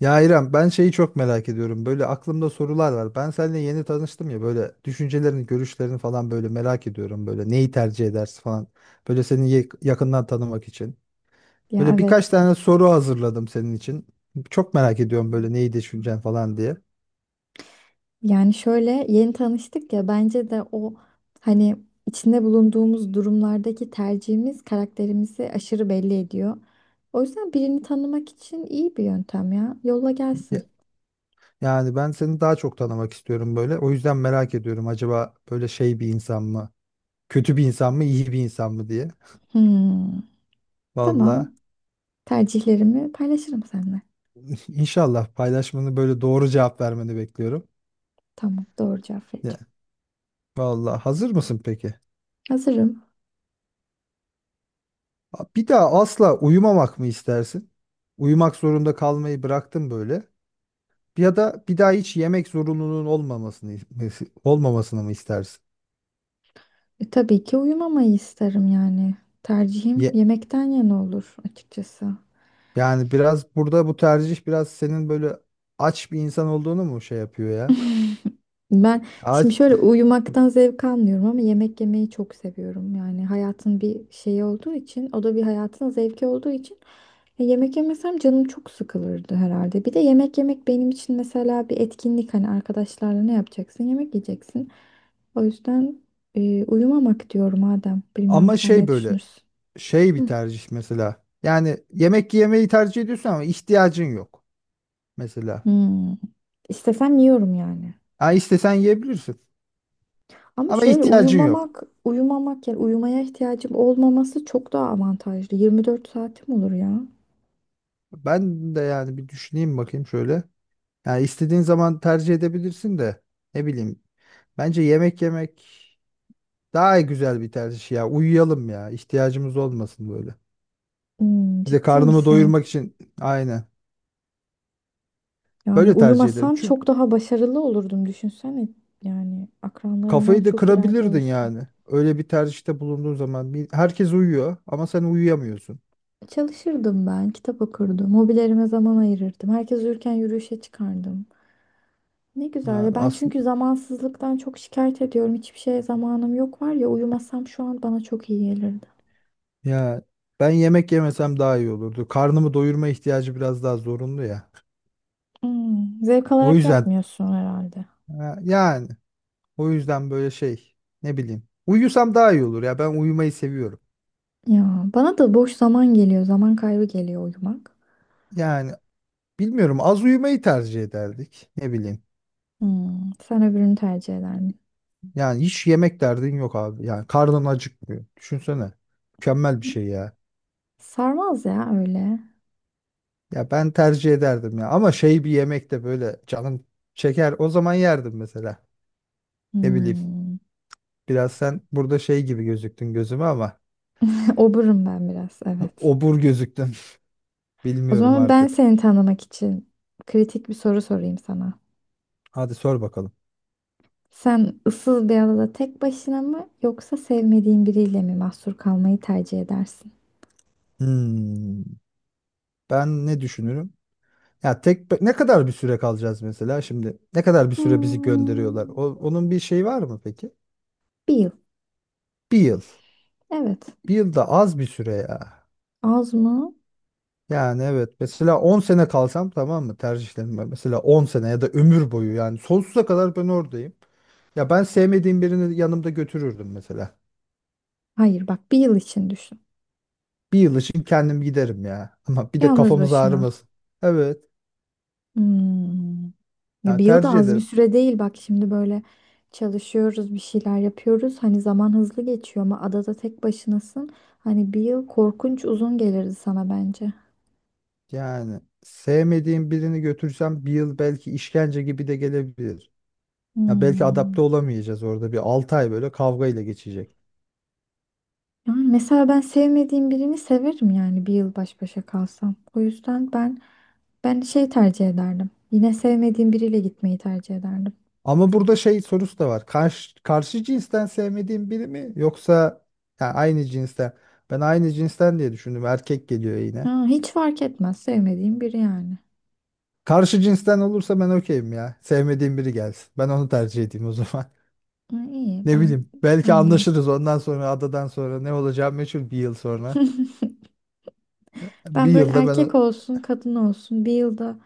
Ya İrem, ben şeyi çok merak ediyorum. Böyle aklımda sorular var. Ben seninle yeni tanıştım ya, böyle düşüncelerini, görüşlerini falan böyle merak ediyorum. Böyle neyi tercih edersin falan. Böyle seni yakından tanımak için. Ya Böyle birkaç evet. tane soru hazırladım senin için. Çok merak ediyorum böyle neyi düşüneceksin falan diye. Yani şöyle yeni tanıştık ya bence de o hani içinde bulunduğumuz durumlardaki tercihimiz karakterimizi aşırı belli ediyor. O yüzden birini tanımak için iyi bir yöntem ya. Yolla Ya- gelsin. Yani ben seni daha çok tanımak istiyorum böyle. O yüzden merak ediyorum acaba böyle şey bir insan mı? Kötü bir insan mı, iyi bir insan mı diye. Hmm. Tamam. Valla Tercihlerimi paylaşırım seninle. inşallah paylaşmanı böyle, doğru cevap vermeni bekliyorum. Tamam. Doğru cevap vereceğim. Vallahi hazır mısın peki? Hazırım. Bir daha asla uyumamak mı istersin? Uyumak zorunda kalmayı bıraktın böyle. Ya da bir daha hiç yemek zorunluluğun olmamasını mı istersin? Tabii ki uyumamayı isterim yani. Tercihim Ye, yemekten yana olur açıkçası. yani biraz burada bu tercih biraz senin böyle aç bir insan olduğunu mu şey yapıyor ya? Ben şimdi Aç, şöyle uyumaktan zevk almıyorum ama yemek yemeyi çok seviyorum. Yani hayatın bir şeyi olduğu için, o da bir hayatın zevki olduğu için yemek yemesem canım çok sıkılırdı herhalde. Bir de yemek yemek benim için mesela bir etkinlik, hani arkadaşlarla ne yapacaksın? Yemek yiyeceksin. O yüzden uyumamak diyorum Adem. Bilmiyorum, ama sen şey ne böyle, düşünürsün? şey bir Hı. tercih mesela. Yani yemek yemeyi tercih ediyorsun ama ihtiyacın yok mesela. Hmm. İstesem yiyorum yani. Ha, istesen yiyebilirsin Ama ama şöyle ihtiyacın yok. uyumamak yani uyumaya ihtiyacım olmaması çok daha avantajlı. 24 saatim olur ya. Ben de yani bir düşüneyim bakayım şöyle. Yani istediğin zaman tercih edebilirsin de, ne bileyim. Bence yemek yemek daha güzel bir tercih ya. Uyuyalım ya, ihtiyacımız olmasın böyle. Hmm, Bir de ciddi karnımı misin? doyurmak için, aynen. Yani Böyle tercih ederim. uyumasam Çünkü çok daha başarılı olurdum, düşünsene. Yani akranlarından kafayı da çok ileride kırabilirdin olursun. yani. Öyle bir tercihte bulunduğun zaman herkes uyuyor ama sen uyuyamıyorsun. Çalışırdım ben, kitap okurdum, hobilerime zaman ayırırdım. Herkes uyurken yürüyüşe çıkardım. Ne güzel Yani ya, ben aslında, çünkü zamansızlıktan çok şikayet ediyorum. Hiçbir şeye zamanım yok, var ya, uyumasam şu an bana çok iyi gelirdi. ya ben yemek yemesem daha iyi olurdu. Karnımı doyurma ihtiyacı biraz daha zorunlu ya. Hmm, zevk O alarak yüzden yapmıyorsun herhalde. ha, yani O yüzden böyle şey, ne bileyim. Uyusam daha iyi olur ya, ben uyumayı seviyorum. Ya bana da boş zaman geliyor. Zaman kaybı geliyor uyumak. Yani bilmiyorum, az uyumayı tercih ederdik, ne bileyim. Sen öbürünü tercih eder misin? Yani hiç yemek derdin yok abi. Yani karnın acıkmıyor. Düşünsene. Mükemmel bir şey ya. Sarmaz ya öyle. Ya ben tercih ederdim ya, ama şey, bir yemek de böyle canım çeker, o zaman yerdim mesela. Ne bileyim. Hmm. Biraz sen burada şey gibi gözüktün gözüme ama Oburum ben biraz, evet. obur gözüktün. O Bilmiyorum zaman ben artık. seni tanımak için kritik bir soru sorayım sana. Hadi sor bakalım. Sen ıssız bir adada tek başına mı yoksa sevmediğin biriyle mi mahsur kalmayı tercih edersin? Hmm, Ben ne düşünürüm? Ya tek ne kadar bir süre kalacağız mesela şimdi? Ne kadar bir süre bizi gönderiyorlar? O, Hmm. onun bir şey var mı peki? Bir yıl. Bir yıl. Evet. Bir yıl da az bir süre ya. Az mı? Yani evet, mesela 10 sene kalsam, tamam mı, tercihlerim var. Mesela 10 sene ya da ömür boyu, yani sonsuza kadar ben oradayım. Ya ben sevmediğim birini yanımda götürürdüm mesela. Hayır, bak, bir yıl için düşün. Bir yıl için kendim giderim ya. Ama bir de Yalnız kafamız başına. ağrımasın. Evet. Hmm. Ya Ya bir yıl da tercih az bir ederim. süre değil, bak şimdi, böyle çalışıyoruz, bir şeyler yapıyoruz, hani zaman hızlı geçiyor, ama adada tek başınasın, hani bir yıl korkunç uzun gelirdi sana bence. Yani sevmediğim birini götürsem bir yıl belki işkence gibi de gelebilir. Ya belki adapte Hmm. olamayacağız, orada bir 6 ay böyle kavga ile geçecek. Yani mesela ben sevmediğim birini severim yani, bir yıl baş başa kalsam. O yüzden ben şey tercih ederdim. Yine sevmediğim biriyle gitmeyi tercih ederdim. Ama burada şey sorusu da var. Karşı cinsten sevmediğim biri mi, yoksa ya aynı cinsten? Ben aynı cinsten diye düşündüm. Erkek geliyor yine. Ha, hiç fark etmez, sevmediğim biri yani. Karşı cinsten olursa ben okeyim ya. Sevmediğim biri gelsin. Ben onu tercih edeyim o zaman. Ha, iyi, Ne ben bileyim. Belki ben de. anlaşırız, ondan sonra adadan sonra ne olacağı meçhul bir yıl sonra. Bir Ben böyle, yılda ben erkek olsun, kadın olsun, bir yılda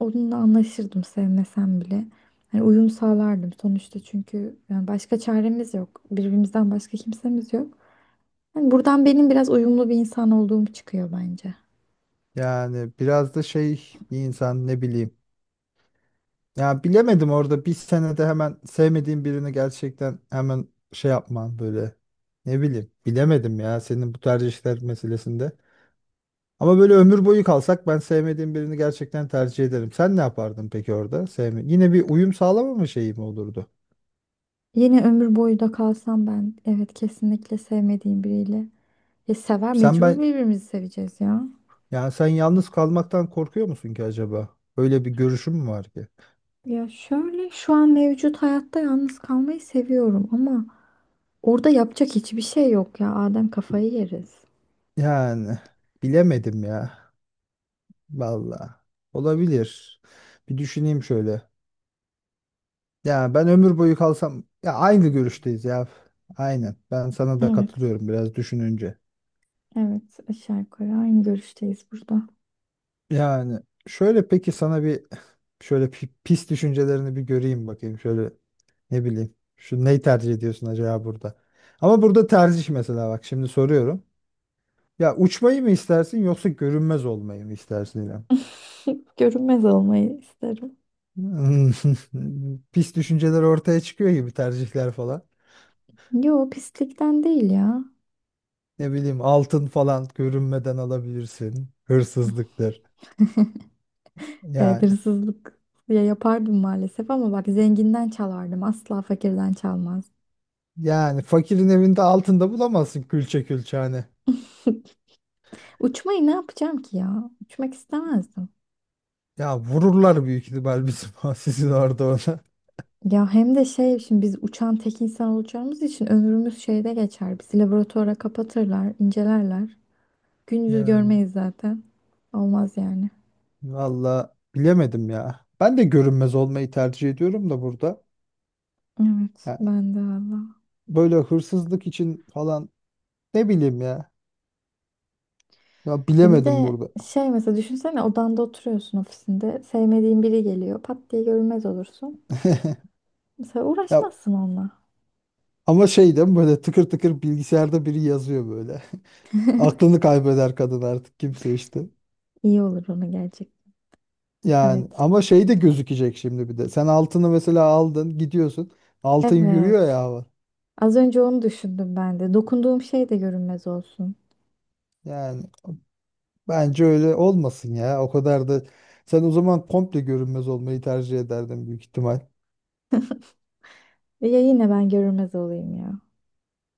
onunla anlaşırdım sevmesem bile. Hani uyum sağlardım sonuçta, çünkü yani başka çaremiz yok. Birbirimizden başka kimsemiz yok. Yani buradan benim biraz uyumlu bir insan olduğum çıkıyor bence. yani biraz da şey bir insan, ne bileyim. Ya bilemedim, orada bir senede hemen sevmediğin birini gerçekten hemen şey yapman böyle. Ne bileyim, bilemedim ya senin bu tercihler meselesinde. Ama böyle ömür boyu kalsak ben sevmediğim birini gerçekten tercih ederim. Sen ne yapardın peki orada? Sevme. Yine bir uyum sağlamama şeyi mi olurdu? Yine ömür boyu da kalsam ben, evet, kesinlikle sevmediğim biriyle. Ya sever, Sen mecbur ben birbirimizi seveceğiz ya. yani sen yalnız kalmaktan korkuyor musun ki acaba? Öyle bir görüşüm mü var ki? Ya şöyle, şu an mevcut hayatta yalnız kalmayı seviyorum ama orada yapacak hiçbir şey yok ya. Adem, kafayı yeriz. Yani bilemedim ya. Valla olabilir. Bir düşüneyim şöyle. Ya ben ömür boyu kalsam, ya aynı görüşteyiz ya. Aynen. Ben sana da Evet. katılıyorum biraz düşününce. Evet, aşağı yukarı aynı görüşteyiz burada. Yani şöyle, peki sana bir şöyle pis düşüncelerini bir göreyim bakayım. Şöyle, ne bileyim. Şu neyi tercih ediyorsun acaba burada? Ama burada tercih, mesela bak şimdi soruyorum. Ya uçmayı mı istersin, yoksa görünmez olmayı mı istersin İrem? Görünmez olmayı isterim. Hmm, Pis düşünceler ortaya çıkıyor gibi, tercihler falan. Yo, pislikten değil ya. Ne bileyim, altın falan görünmeden alabilirsin. Hırsızlıktır. Evet, Yani, hırsızlık ya yapardım maalesef, ama bak, zenginden çalardım. Asla fakirden çalmaz. Fakirin evinde altında bulamazsın külçe külçe hani. Uçmayı ne yapacağım ki ya? Uçmak istemezdim. Ya vururlar büyük ihtimal bizim sizin orada ona. Ya hem de şey, şimdi biz uçan tek insan olacağımız için ömrümüz şeyde geçer. Bizi laboratuvara kapatırlar, incelerler. Gündüz Yani görmeyiz zaten. Olmaz yani. valla bilemedim ya. Ben de görünmez olmayı tercih ediyorum da burada. Evet, Yani ben de valla. böyle hırsızlık için falan, ne bileyim ya. Ya Bir bilemedim de burada. şey, mesela düşünsene, odanda oturuyorsun, ofisinde. Sevmediğin biri geliyor. Pat diye görünmez olursun. Mesela Ya uğraşmazsın onunla. ama şey değil mi, böyle tıkır tıkır bilgisayarda biri yazıyor böyle. Aklını kaybeder kadın artık, kimse işte. İyi olur, ona gelecek. Yani Evet. ama şey de gözükecek şimdi bir de. Sen altını mesela aldın, gidiyorsun. Altın yürüyor Evet. ya hava. Az önce onu düşündüm ben de. Dokunduğum şey de görünmez olsun. Yani bence öyle olmasın ya. O kadar da, sen o zaman komple görünmez olmayı tercih ederdin büyük ihtimal. Ya, yine ben görünmez olayım ya.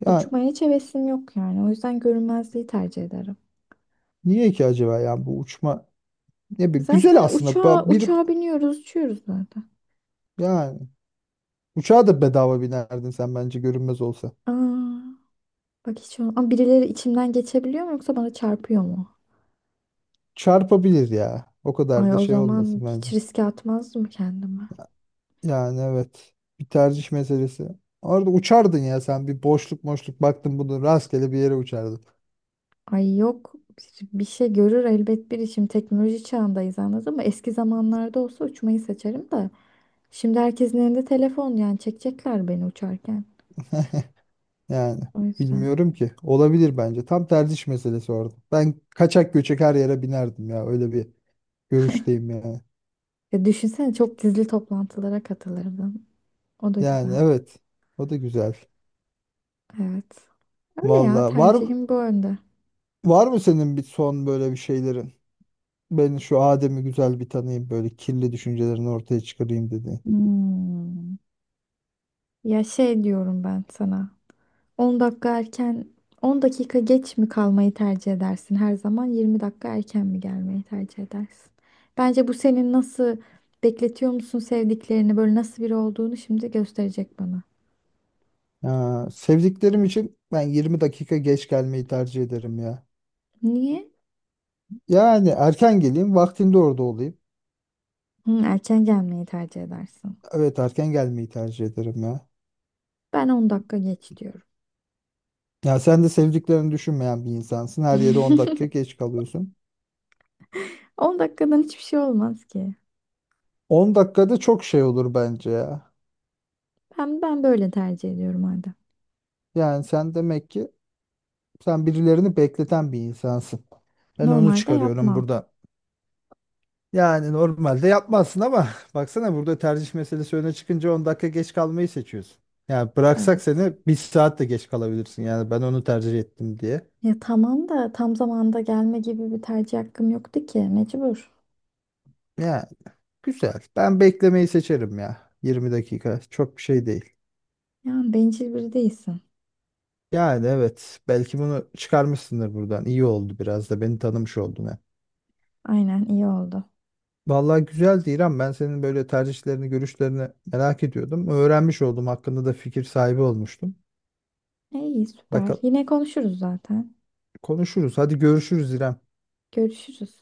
Ya Uçmaya hiç hevesim yok yani. O yüzden görünmezliği tercih ederim. niye ki acaba ya, bu uçma ne bir güzel Zaten aslında. uçağa, Ba- Bir uçağa biniyoruz, uçuyoruz zaten. yani uçağa da bedava binerdin sen bence, görünmez olsa. Aa, bak hiç ama birileri içimden geçebiliyor mu yoksa bana çarpıyor mu? Çarpabilir ya. O Ay, kadar da o şey zaman olmasın hiç bence. riske atmazdım kendimi. Yani evet. Bir tercih meselesi. Orada uçardın ya sen, bir boşluk boşluk baktın bunu, rastgele bir yere uçardın. Ay yok, bir şey görür elbet biri. Şimdi teknoloji çağındayız, anladın mı? Eski zamanlarda olsa uçmayı seçerim de. Şimdi herkesin elinde telefon, yani çekecekler beni uçarken. Yani O yüzden. bilmiyorum ki. Olabilir bence. Tam tercih meselesi orada. Ben kaçak göçek her yere binerdim ya. Öyle bir görüşteyim yani. Ya düşünsene, çok gizli toplantılara katılırdım. O da Yani güzel. evet. O da güzel. Evet. Öyle ya, Valla, var tercihim bu yönde. var mı senin bir son böyle bir şeylerin? Ben şu Adem'i güzel bir tanıyayım, böyle kirli düşüncelerini ortaya çıkarayım dedi. Hmm. Ya şey, diyorum ben sana. 10 dakika erken, 10 dakika geç mi kalmayı tercih edersin her zaman, 20 dakika erken mi gelmeyi tercih edersin? Bence bu senin nasıl, bekletiyor musun sevdiklerini, böyle nasıl biri olduğunu şimdi gösterecek bana. Ha, sevdiklerim için ben 20 dakika geç gelmeyi tercih ederim ya. Niye? Yani erken geleyim, vaktinde orada olayım. Hı, erken gelmeyi tercih edersin. Evet, erken gelmeyi tercih ederim ya. Ben 10 dakika geç diyorum. Ya sen de sevdiklerini düşünmeyen bir insansın. Her yere 10 dakika geç kalıyorsun. 10 dakikadan hiçbir şey olmaz ki. 10 dakikada çok şey olur bence ya. Ben böyle tercih ediyorum madem. Yani sen demek ki sen birilerini bekleten bir insansın. Ben onu Normalde çıkarıyorum yapmam. burada. Yani normalde yapmazsın ama baksana, burada tercih meselesi öne çıkınca 10 dakika geç kalmayı seçiyorsun. Yani bıraksak Evet. seni bir saat de geç kalabilirsin. Yani ben onu tercih ettim diye. Ya tamam da tam zamanda gelme gibi bir tercih hakkım yoktu ki, mecbur. Ya güzel. Ben beklemeyi seçerim ya. 20 dakika çok bir şey değil. Ya bencil biri değilsin. Yani evet, belki bunu çıkarmışsındır buradan. İyi oldu, biraz da beni tanımış oldun. Aynen, iyi oldu. Vallahi güzeldi İrem. Ben senin böyle tercihlerini, görüşlerini merak ediyordum. Öğrenmiş oldum. Hakkında da fikir sahibi olmuştum. İyi, süper. Bakalım, Yine konuşuruz zaten. konuşuruz. Hadi görüşürüz İrem. Görüşürüz.